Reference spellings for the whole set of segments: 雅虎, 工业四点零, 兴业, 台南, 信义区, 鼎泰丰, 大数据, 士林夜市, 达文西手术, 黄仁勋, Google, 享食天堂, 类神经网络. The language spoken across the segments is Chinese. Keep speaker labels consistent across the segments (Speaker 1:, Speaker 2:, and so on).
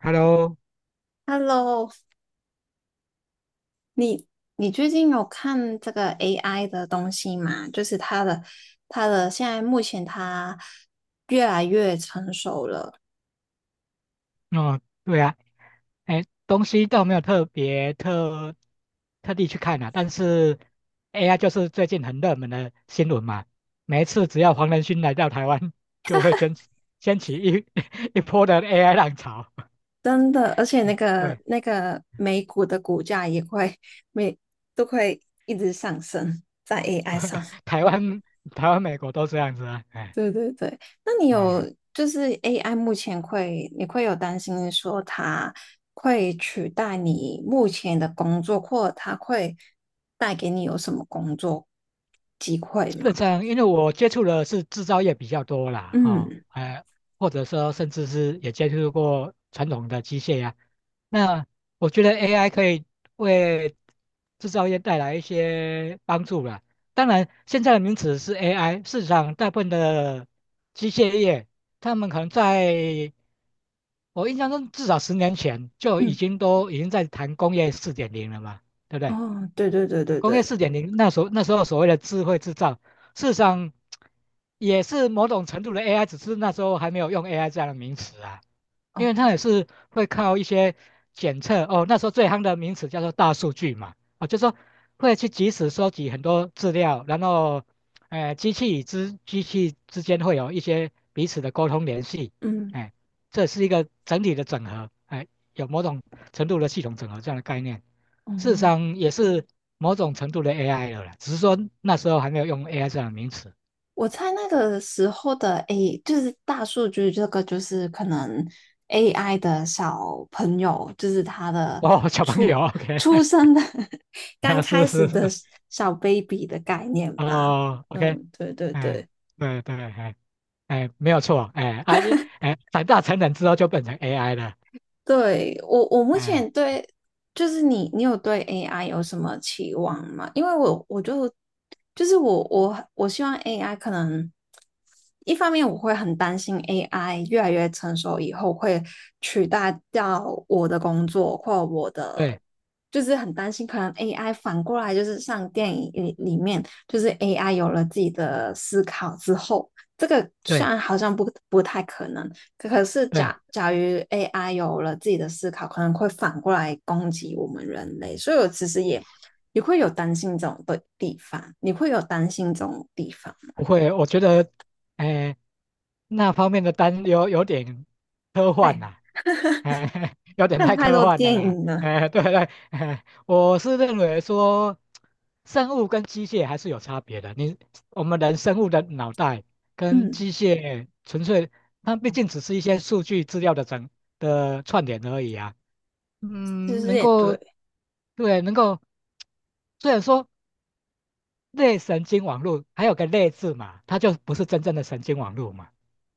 Speaker 1: Hello,
Speaker 2: Hello，你最近有看这个 AI 的东西吗？就是它的现在目前它越来越成熟了。
Speaker 1: 哦，对啊，哎，东西倒没有特别特地去看啊，但是 AI 就是最近很热门的新闻嘛。每一次只要黄仁勋来到台湾，就会掀起一 一波的 AI 浪潮。
Speaker 2: 真的，而且那个
Speaker 1: 对。
Speaker 2: 那个美股的股价也会每都会一直上升在 AI 上。
Speaker 1: 台湾、台湾、美国都这样子啊，哎
Speaker 2: 对对对，那你有
Speaker 1: 哎。
Speaker 2: 就是 AI 目前会，你会有担心说它会取代你目前的工作，或者它会带给你有什么工作机会
Speaker 1: 基
Speaker 2: 吗？
Speaker 1: 本上，因为我接触的是制造业比较多啦，哦，
Speaker 2: 嗯
Speaker 1: 哎，或者说甚至是也接触过传统的机械呀，那我觉得 AI 可以为制造业带来一些帮助了。当然，现在的名词是 AI,市场大部分的机械业，他们可能在我印象中至少10年前就已
Speaker 2: 嗯，
Speaker 1: 经都已经在谈工业四点零了嘛，对不对？
Speaker 2: 哦，对对对对
Speaker 1: 工业
Speaker 2: 对，
Speaker 1: 四点零那时候，所谓的智慧制造，事实上也是某种程度的 AI,只是那时候还没有用 AI 这样的名词啊。因
Speaker 2: 哦，
Speaker 1: 为它也是会靠一些检测哦，那时候最夯的名词叫做大数据嘛。哦，就是说会去及时收集很多资料，然后，机器与之机器之间会有一些彼此的沟通联系，
Speaker 2: 嗯
Speaker 1: 哎，这是一个整体的整合，哎，有某种程度的系统整合这样的概念，
Speaker 2: 哦，
Speaker 1: 事实上也是某种程度的 AI 了啦，只是说那时候还没有用 AI 这样的名词。
Speaker 2: 我猜那个时候的 A 就是大数据这个，就是可能 AI 的小朋友，就是他的
Speaker 1: 哦，小朋
Speaker 2: 出
Speaker 1: 友，OK,
Speaker 2: 出生的 刚
Speaker 1: 啊，
Speaker 2: 开
Speaker 1: 是是
Speaker 2: 始
Speaker 1: 是。
Speaker 2: 的小 baby 的概念吧。
Speaker 1: 哦，OK。
Speaker 2: 嗯，对对
Speaker 1: 哎，
Speaker 2: 对。
Speaker 1: 对对，哎哎，没有错，哎，啊，一，哎，长大成人之后就变成 AI 了。
Speaker 2: 对，我目
Speaker 1: 哎，
Speaker 2: 前对，就是你有对 AI 有什么期望吗？因为我，我就，就是我希望 AI 可能，一方面我会很担心 AI 越来越成熟以后会取代掉我的工作或我的，
Speaker 1: 对
Speaker 2: 就是很担心可能 AI 反过来就是像电影里面，就是 AI 有了自己的思考之后，这个虽
Speaker 1: 对
Speaker 2: 然好像不太可能。可是
Speaker 1: 对。
Speaker 2: 假如 AI 有了自己的思考，可能会反过来攻击我们人类，所以我其实也会有担心这种的地方，你会有担心这种地方。
Speaker 1: 不会，我觉得，哎，那方面的担忧有点科幻
Speaker 2: 哎，
Speaker 1: 呐。哎，有点
Speaker 2: 看
Speaker 1: 太
Speaker 2: 太
Speaker 1: 科
Speaker 2: 多
Speaker 1: 幻了
Speaker 2: 电
Speaker 1: 啦。
Speaker 2: 影了。
Speaker 1: 哎，对对，哎，我是认为说，生物跟机械还是有差别的。我们人，生物的脑袋跟
Speaker 2: 嗯，
Speaker 1: 机械纯粹，它毕竟只是一些数据资料的串联而已啊。
Speaker 2: 其
Speaker 1: 嗯，
Speaker 2: 实
Speaker 1: 能
Speaker 2: 也对，
Speaker 1: 够，对，能够，虽然说类神经网络还有个类字嘛，它就不是真正的神经网络嘛，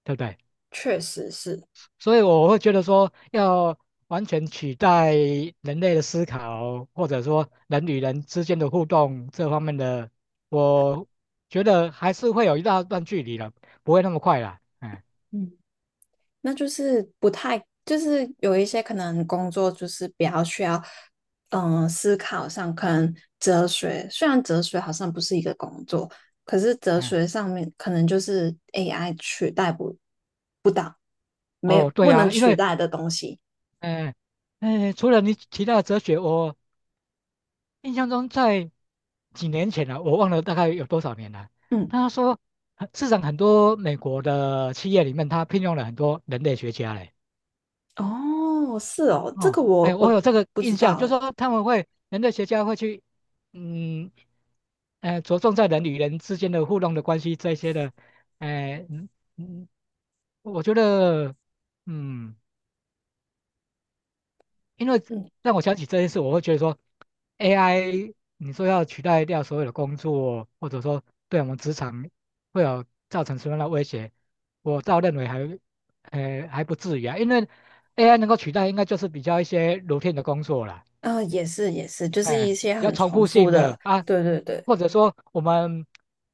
Speaker 1: 对不对？
Speaker 2: 确实是。
Speaker 1: 所以我会觉得说，要完全取代人类的思考，或者说人与人之间的互动这方面的，我觉得还是会有一大段距离了，不会那么快啦。嗯
Speaker 2: 嗯，那就是不太，就是有一些可能工作就是比较需要，嗯，思考上可能哲学，虽然哲学好像不是一个工作，可是哲
Speaker 1: 嗯，
Speaker 2: 学上面可能就是 AI 取代不，没，
Speaker 1: 哦，对
Speaker 2: 不
Speaker 1: 呀，
Speaker 2: 能
Speaker 1: 啊，因
Speaker 2: 取
Speaker 1: 为
Speaker 2: 代的东西。
Speaker 1: 嗯。嗯，除了你提到的哲学，我印象中在几年前了，我忘了大概有多少年了，
Speaker 2: 嗯，
Speaker 1: 他说，市场很多美国的企业里面，他聘用了很多人类学家嘞。
Speaker 2: 哦，是哦，这
Speaker 1: 哦，
Speaker 2: 个我
Speaker 1: 哎，我
Speaker 2: 我
Speaker 1: 有这个
Speaker 2: 不知
Speaker 1: 印象，
Speaker 2: 道
Speaker 1: 就
Speaker 2: 诶。
Speaker 1: 说他们会，人类学家会去，嗯，着重在人与人之间的互动的关系这些的。哎，嗯嗯，我觉得，嗯。因为
Speaker 2: 嗯，
Speaker 1: 让我想起这件事，我会觉得说，AI 你说要取代掉所有的工作，或者说对我们职场会有造成什么样的威胁，我倒认为还，还不至于啊，因为 AI 能够取代应该就是比较一些 routine 的工作啦。
Speaker 2: 啊，也是也是，就是
Speaker 1: 哎，
Speaker 2: 一些
Speaker 1: 比较
Speaker 2: 很
Speaker 1: 重
Speaker 2: 重
Speaker 1: 复
Speaker 2: 复
Speaker 1: 性
Speaker 2: 的，
Speaker 1: 的啊，
Speaker 2: 对对对，
Speaker 1: 或者说我们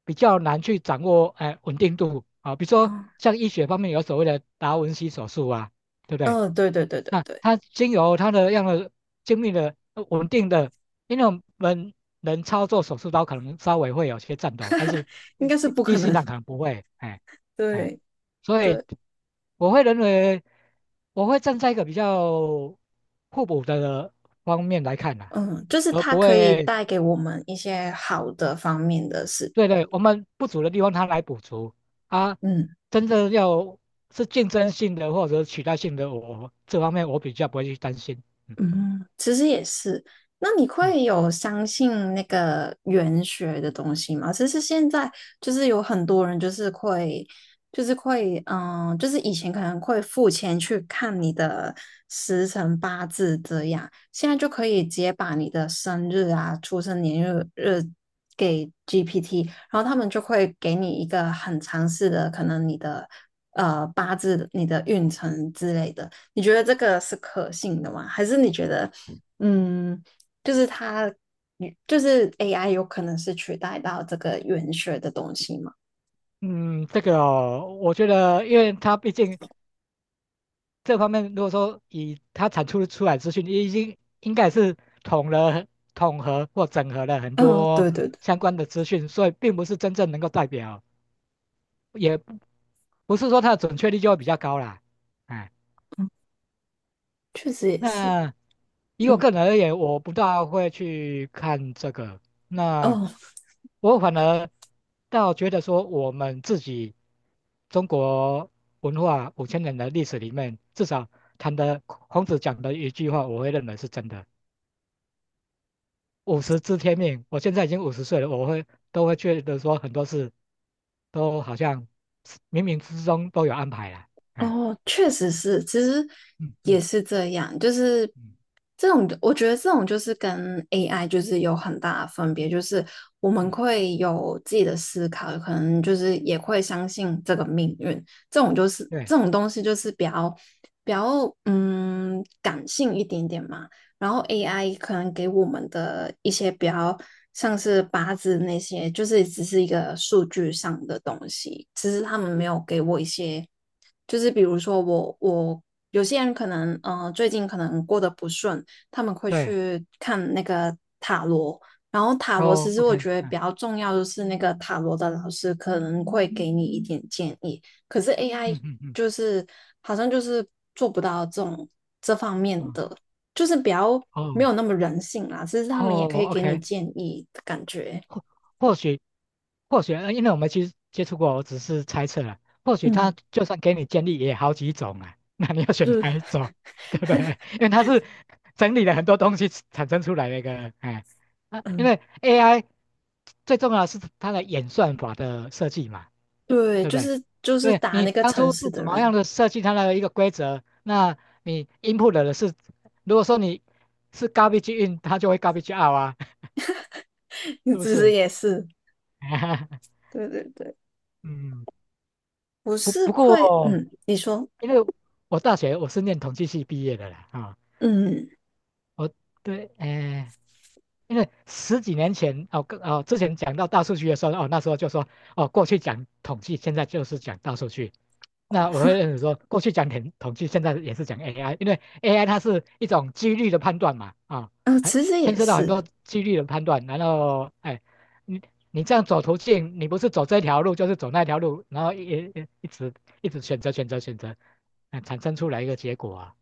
Speaker 1: 比较难去掌握，哎，稳定度啊，比如说
Speaker 2: 嗯
Speaker 1: 像医学方面有所谓的达文西手术啊，对不对？
Speaker 2: 嗯，对对对对
Speaker 1: 那
Speaker 2: 对，
Speaker 1: 它经由它的样的精密的稳定的，因为我们人操作手术刀可能稍微会有些颤抖，但是
Speaker 2: 应
Speaker 1: 机
Speaker 2: 该是
Speaker 1: 机
Speaker 2: 不
Speaker 1: 机
Speaker 2: 可
Speaker 1: 器
Speaker 2: 能，
Speaker 1: 上可能不会，哎 哎，
Speaker 2: 对。
Speaker 1: 所以
Speaker 2: 对。
Speaker 1: 我会认为，我会站在一个比较互补的方面来看呐。
Speaker 2: 嗯，就是
Speaker 1: 而
Speaker 2: 它
Speaker 1: 不
Speaker 2: 可以
Speaker 1: 会，
Speaker 2: 带给我们一些好的方面的事。
Speaker 1: 对对，我们不足的地方它来补足啊。
Speaker 2: 嗯。
Speaker 1: 真正要是竞争性的或者取代性的，我这方面我比较不会去担心。嗯
Speaker 2: 嗯，其实也是。那你
Speaker 1: 嗯。
Speaker 2: 会有相信那个玄学的东西吗？其实现在就是有很多人就是会，就是会，嗯，就是以前可能会付钱去看你的时辰八字这样，现在就可以直接把你的生日啊、出生年月日给 GPT，然后他们就会给你一个很详细的，可能你的八字、你的运程之类的。你觉得这个是可信的吗？还是你觉得，嗯，就是它，就是 AI 有可能是取代到这个言学的东西吗？
Speaker 1: 嗯，这个哦，我觉得，因为它毕竟这方面，如果说以它产出出来资讯，已经应该是统了，统合或整合了很
Speaker 2: 嗯，
Speaker 1: 多
Speaker 2: 对对对，
Speaker 1: 相关的资讯，所以并不是真正能够代表，也不是说它的准确率就会比较高啦。哎。
Speaker 2: 确实也是。
Speaker 1: 那以我
Speaker 2: 嗯，
Speaker 1: 个人而言，我不大会去看这个。那
Speaker 2: 哦，
Speaker 1: 我反而倒觉得说，我们自己中国文化5000年的历史里面，至少谈的孔子讲的一句话，我会认为是真的："五十知天命。"我现在已经50岁了，我会都会觉得说，很多事都好像是冥冥之中都有安排了。哎，
Speaker 2: 哦，确实是，其实
Speaker 1: 嗯
Speaker 2: 也
Speaker 1: 嗯
Speaker 2: 是这样，就是
Speaker 1: 嗯
Speaker 2: 这种，我觉得这种就是跟 AI 就是有很大的分别，就是我们
Speaker 1: 嗯，
Speaker 2: 会有自己的思考，可能就是也会相信这个命运，这种就是
Speaker 1: 对
Speaker 2: 这种东西就是比较感性一点点嘛。然后 AI 可能给我们的一些比较像是八字那些，就是只是一个数据上的东西，只是他们没有给我一些，就是比如说我有些人可能最近可能过得不顺，他们会
Speaker 1: 对，
Speaker 2: 去看那个塔罗。然后塔罗其
Speaker 1: 哦
Speaker 2: 实我
Speaker 1: ，OK,
Speaker 2: 觉得比
Speaker 1: 嗯
Speaker 2: 较重要的是，那个塔罗的老师可能会给你一点建议，可是 AI
Speaker 1: 嗯嗯嗯。
Speaker 2: 就是好像就是做不到这种这方面的
Speaker 1: 哦
Speaker 2: 就是比较没
Speaker 1: 哦
Speaker 2: 有那么人性啦，其实他们也可
Speaker 1: 哦
Speaker 2: 以给你
Speaker 1: ，OK,
Speaker 2: 建议的感觉。
Speaker 1: 或或许或许，因为我没去接触过，我只是猜测了。或许他
Speaker 2: 嗯，
Speaker 1: 就算给你建议也好几种啊，那你要选
Speaker 2: 就
Speaker 1: 哪一种，对不对？因为它是整理了很多东西产生出来的一个，哎，啊，因
Speaker 2: 嗯，
Speaker 1: 为 AI 最重要的是它的演算法的设计嘛，
Speaker 2: 对，
Speaker 1: 对不
Speaker 2: 就
Speaker 1: 对？
Speaker 2: 是就是
Speaker 1: 对，
Speaker 2: 打
Speaker 1: 你
Speaker 2: 那个
Speaker 1: 当
Speaker 2: 城
Speaker 1: 初
Speaker 2: 市
Speaker 1: 是
Speaker 2: 的
Speaker 1: 怎么
Speaker 2: 人，
Speaker 1: 样的设计它的一个规则？那你 input 的是，如果说你是 garbage in,它就会 garbage out 啊，
Speaker 2: 你
Speaker 1: 是不
Speaker 2: 其实
Speaker 1: 是？
Speaker 2: 也是，对对对，
Speaker 1: 嗯，
Speaker 2: 我
Speaker 1: 不
Speaker 2: 是
Speaker 1: 不
Speaker 2: 会，
Speaker 1: 过，
Speaker 2: 嗯，你说，
Speaker 1: 因为我大学我是念统计系毕业的啦。啊，
Speaker 2: 嗯，
Speaker 1: 我，对，哎，因为十几年前哦，跟哦之前讲到大数据的时候，哦那时候就说，哦过去讲统计，现在就是讲大数据。
Speaker 2: 哦，
Speaker 1: 那我会 认为说，过去讲统计，现在也是讲 AI,因为 AI 它是一种几率的判断嘛，啊，还
Speaker 2: 其实
Speaker 1: 牵
Speaker 2: 也
Speaker 1: 涉到很
Speaker 2: 是，
Speaker 1: 多几率的判断。然后，哎，你你这样走途径，你不是走这条路，就是走那条路，然后一一直选择，嗯，产生出来一个结果啊。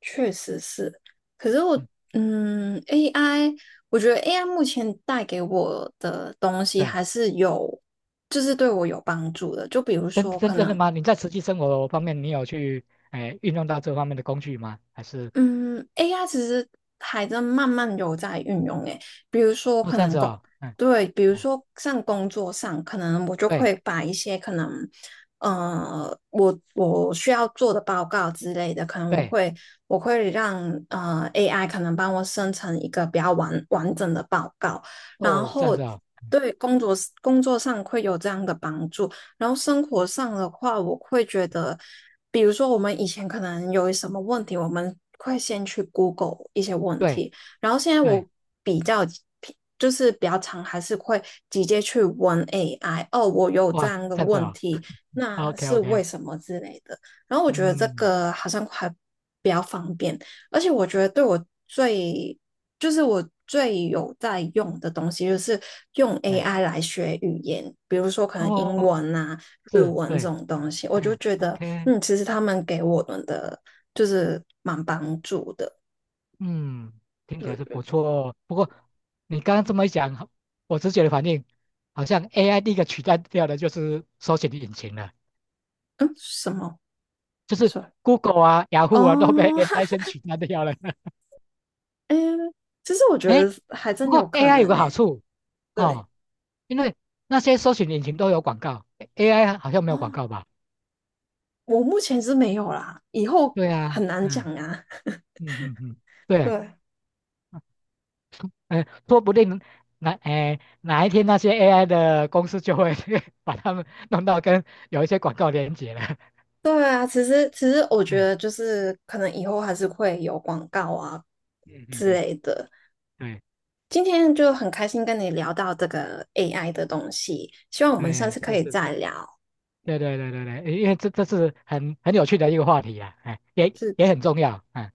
Speaker 2: 确实是，可是我，
Speaker 1: 嗯，
Speaker 2: 嗯，AI，我觉得 AI 目前带给我的东西
Speaker 1: 对。
Speaker 2: 还是有，就是对我有帮助的，就比如
Speaker 1: 真
Speaker 2: 说
Speaker 1: 真
Speaker 2: 可
Speaker 1: 真的
Speaker 2: 能
Speaker 1: 吗？你在实际生活方面，你有去哎运用到这方面的工具吗？还是
Speaker 2: 嗯，AI 其实还在慢慢有在运用诶，比如说
Speaker 1: 哦
Speaker 2: 可
Speaker 1: 这样
Speaker 2: 能
Speaker 1: 子
Speaker 2: 工，
Speaker 1: 哦，嗯
Speaker 2: 对，比如
Speaker 1: 嗯，
Speaker 2: 说像工作上，可能我就
Speaker 1: 对
Speaker 2: 会把一些可能，我需要做的报告之类的，可能我
Speaker 1: 对，
Speaker 2: 会我会让AI 可能帮我生成一个比较完整的报告，然
Speaker 1: 哦这样
Speaker 2: 后
Speaker 1: 子哦，
Speaker 2: 对工作上会有这样的帮助。然后生活上的话，我会觉得，比如说我们以前可能有什么问题，我们会先去 Google 一些问
Speaker 1: 对
Speaker 2: 题，然后现在
Speaker 1: 对，
Speaker 2: 我比较就是比较常还是会直接去问 AI，哦，我有这
Speaker 1: 哇
Speaker 2: 样的
Speaker 1: 这样子
Speaker 2: 问
Speaker 1: 哦
Speaker 2: 题，那
Speaker 1: ，OK
Speaker 2: 是为
Speaker 1: OK,
Speaker 2: 什么之类的。然后我觉得这
Speaker 1: 嗯，
Speaker 2: 个好像还比较方便。而且我觉得对我最，就是我最有在用的东西，就是用
Speaker 1: 哎，
Speaker 2: AI 来学语言，比如说可能英
Speaker 1: 哦，
Speaker 2: 文啊、日
Speaker 1: 是，
Speaker 2: 文这
Speaker 1: 对，
Speaker 2: 种东西，我就
Speaker 1: 哎，
Speaker 2: 觉得，
Speaker 1: OK,
Speaker 2: 嗯，其实他们给我们的就是蛮帮助的。
Speaker 1: 嗯，听起
Speaker 2: 对
Speaker 1: 来是
Speaker 2: 对
Speaker 1: 不
Speaker 2: 对，
Speaker 1: 错哦。不过你刚刚这么一讲，我直觉的反应好像 AI 第一个取代掉的就是搜寻引擎了，
Speaker 2: 嗯，什么？
Speaker 1: 就是
Speaker 2: 是
Speaker 1: Google 啊，雅虎啊都被
Speaker 2: 哦，
Speaker 1: AI 先取代掉了。
Speaker 2: 嗯，其实我觉
Speaker 1: 哎，
Speaker 2: 得还
Speaker 1: 不
Speaker 2: 真有
Speaker 1: 过
Speaker 2: 可
Speaker 1: AI 有
Speaker 2: 能
Speaker 1: 个
Speaker 2: 呢。
Speaker 1: 好处
Speaker 2: 对，
Speaker 1: 哦，因为那些搜寻引擎都有广告，AI 好像没
Speaker 2: 哦，
Speaker 1: 有广告吧？
Speaker 2: 我目前是没有啦，以后
Speaker 1: 对啊，
Speaker 2: 很难讲
Speaker 1: 嗯
Speaker 2: 啊。
Speaker 1: 嗯嗯嗯，对，
Speaker 2: 对。
Speaker 1: 哎，说不定哪一天那些 AI 的公司就会 把它们弄到跟有一些广告连接了。
Speaker 2: 对啊，其实我觉得
Speaker 1: 嗯
Speaker 2: 就是可能以后还是会有广告啊
Speaker 1: 嗯嗯
Speaker 2: 之
Speaker 1: 嗯，
Speaker 2: 类的。
Speaker 1: 对
Speaker 2: 今天就很开心跟你聊到这个 AI 的东西，希望我们下
Speaker 1: 对，
Speaker 2: 次可
Speaker 1: 是
Speaker 2: 以
Speaker 1: 是，
Speaker 2: 再聊。
Speaker 1: 对对对对对，因为这这是很很有趣的一个话题啊，哎，也也
Speaker 2: 是
Speaker 1: 很重要，哎。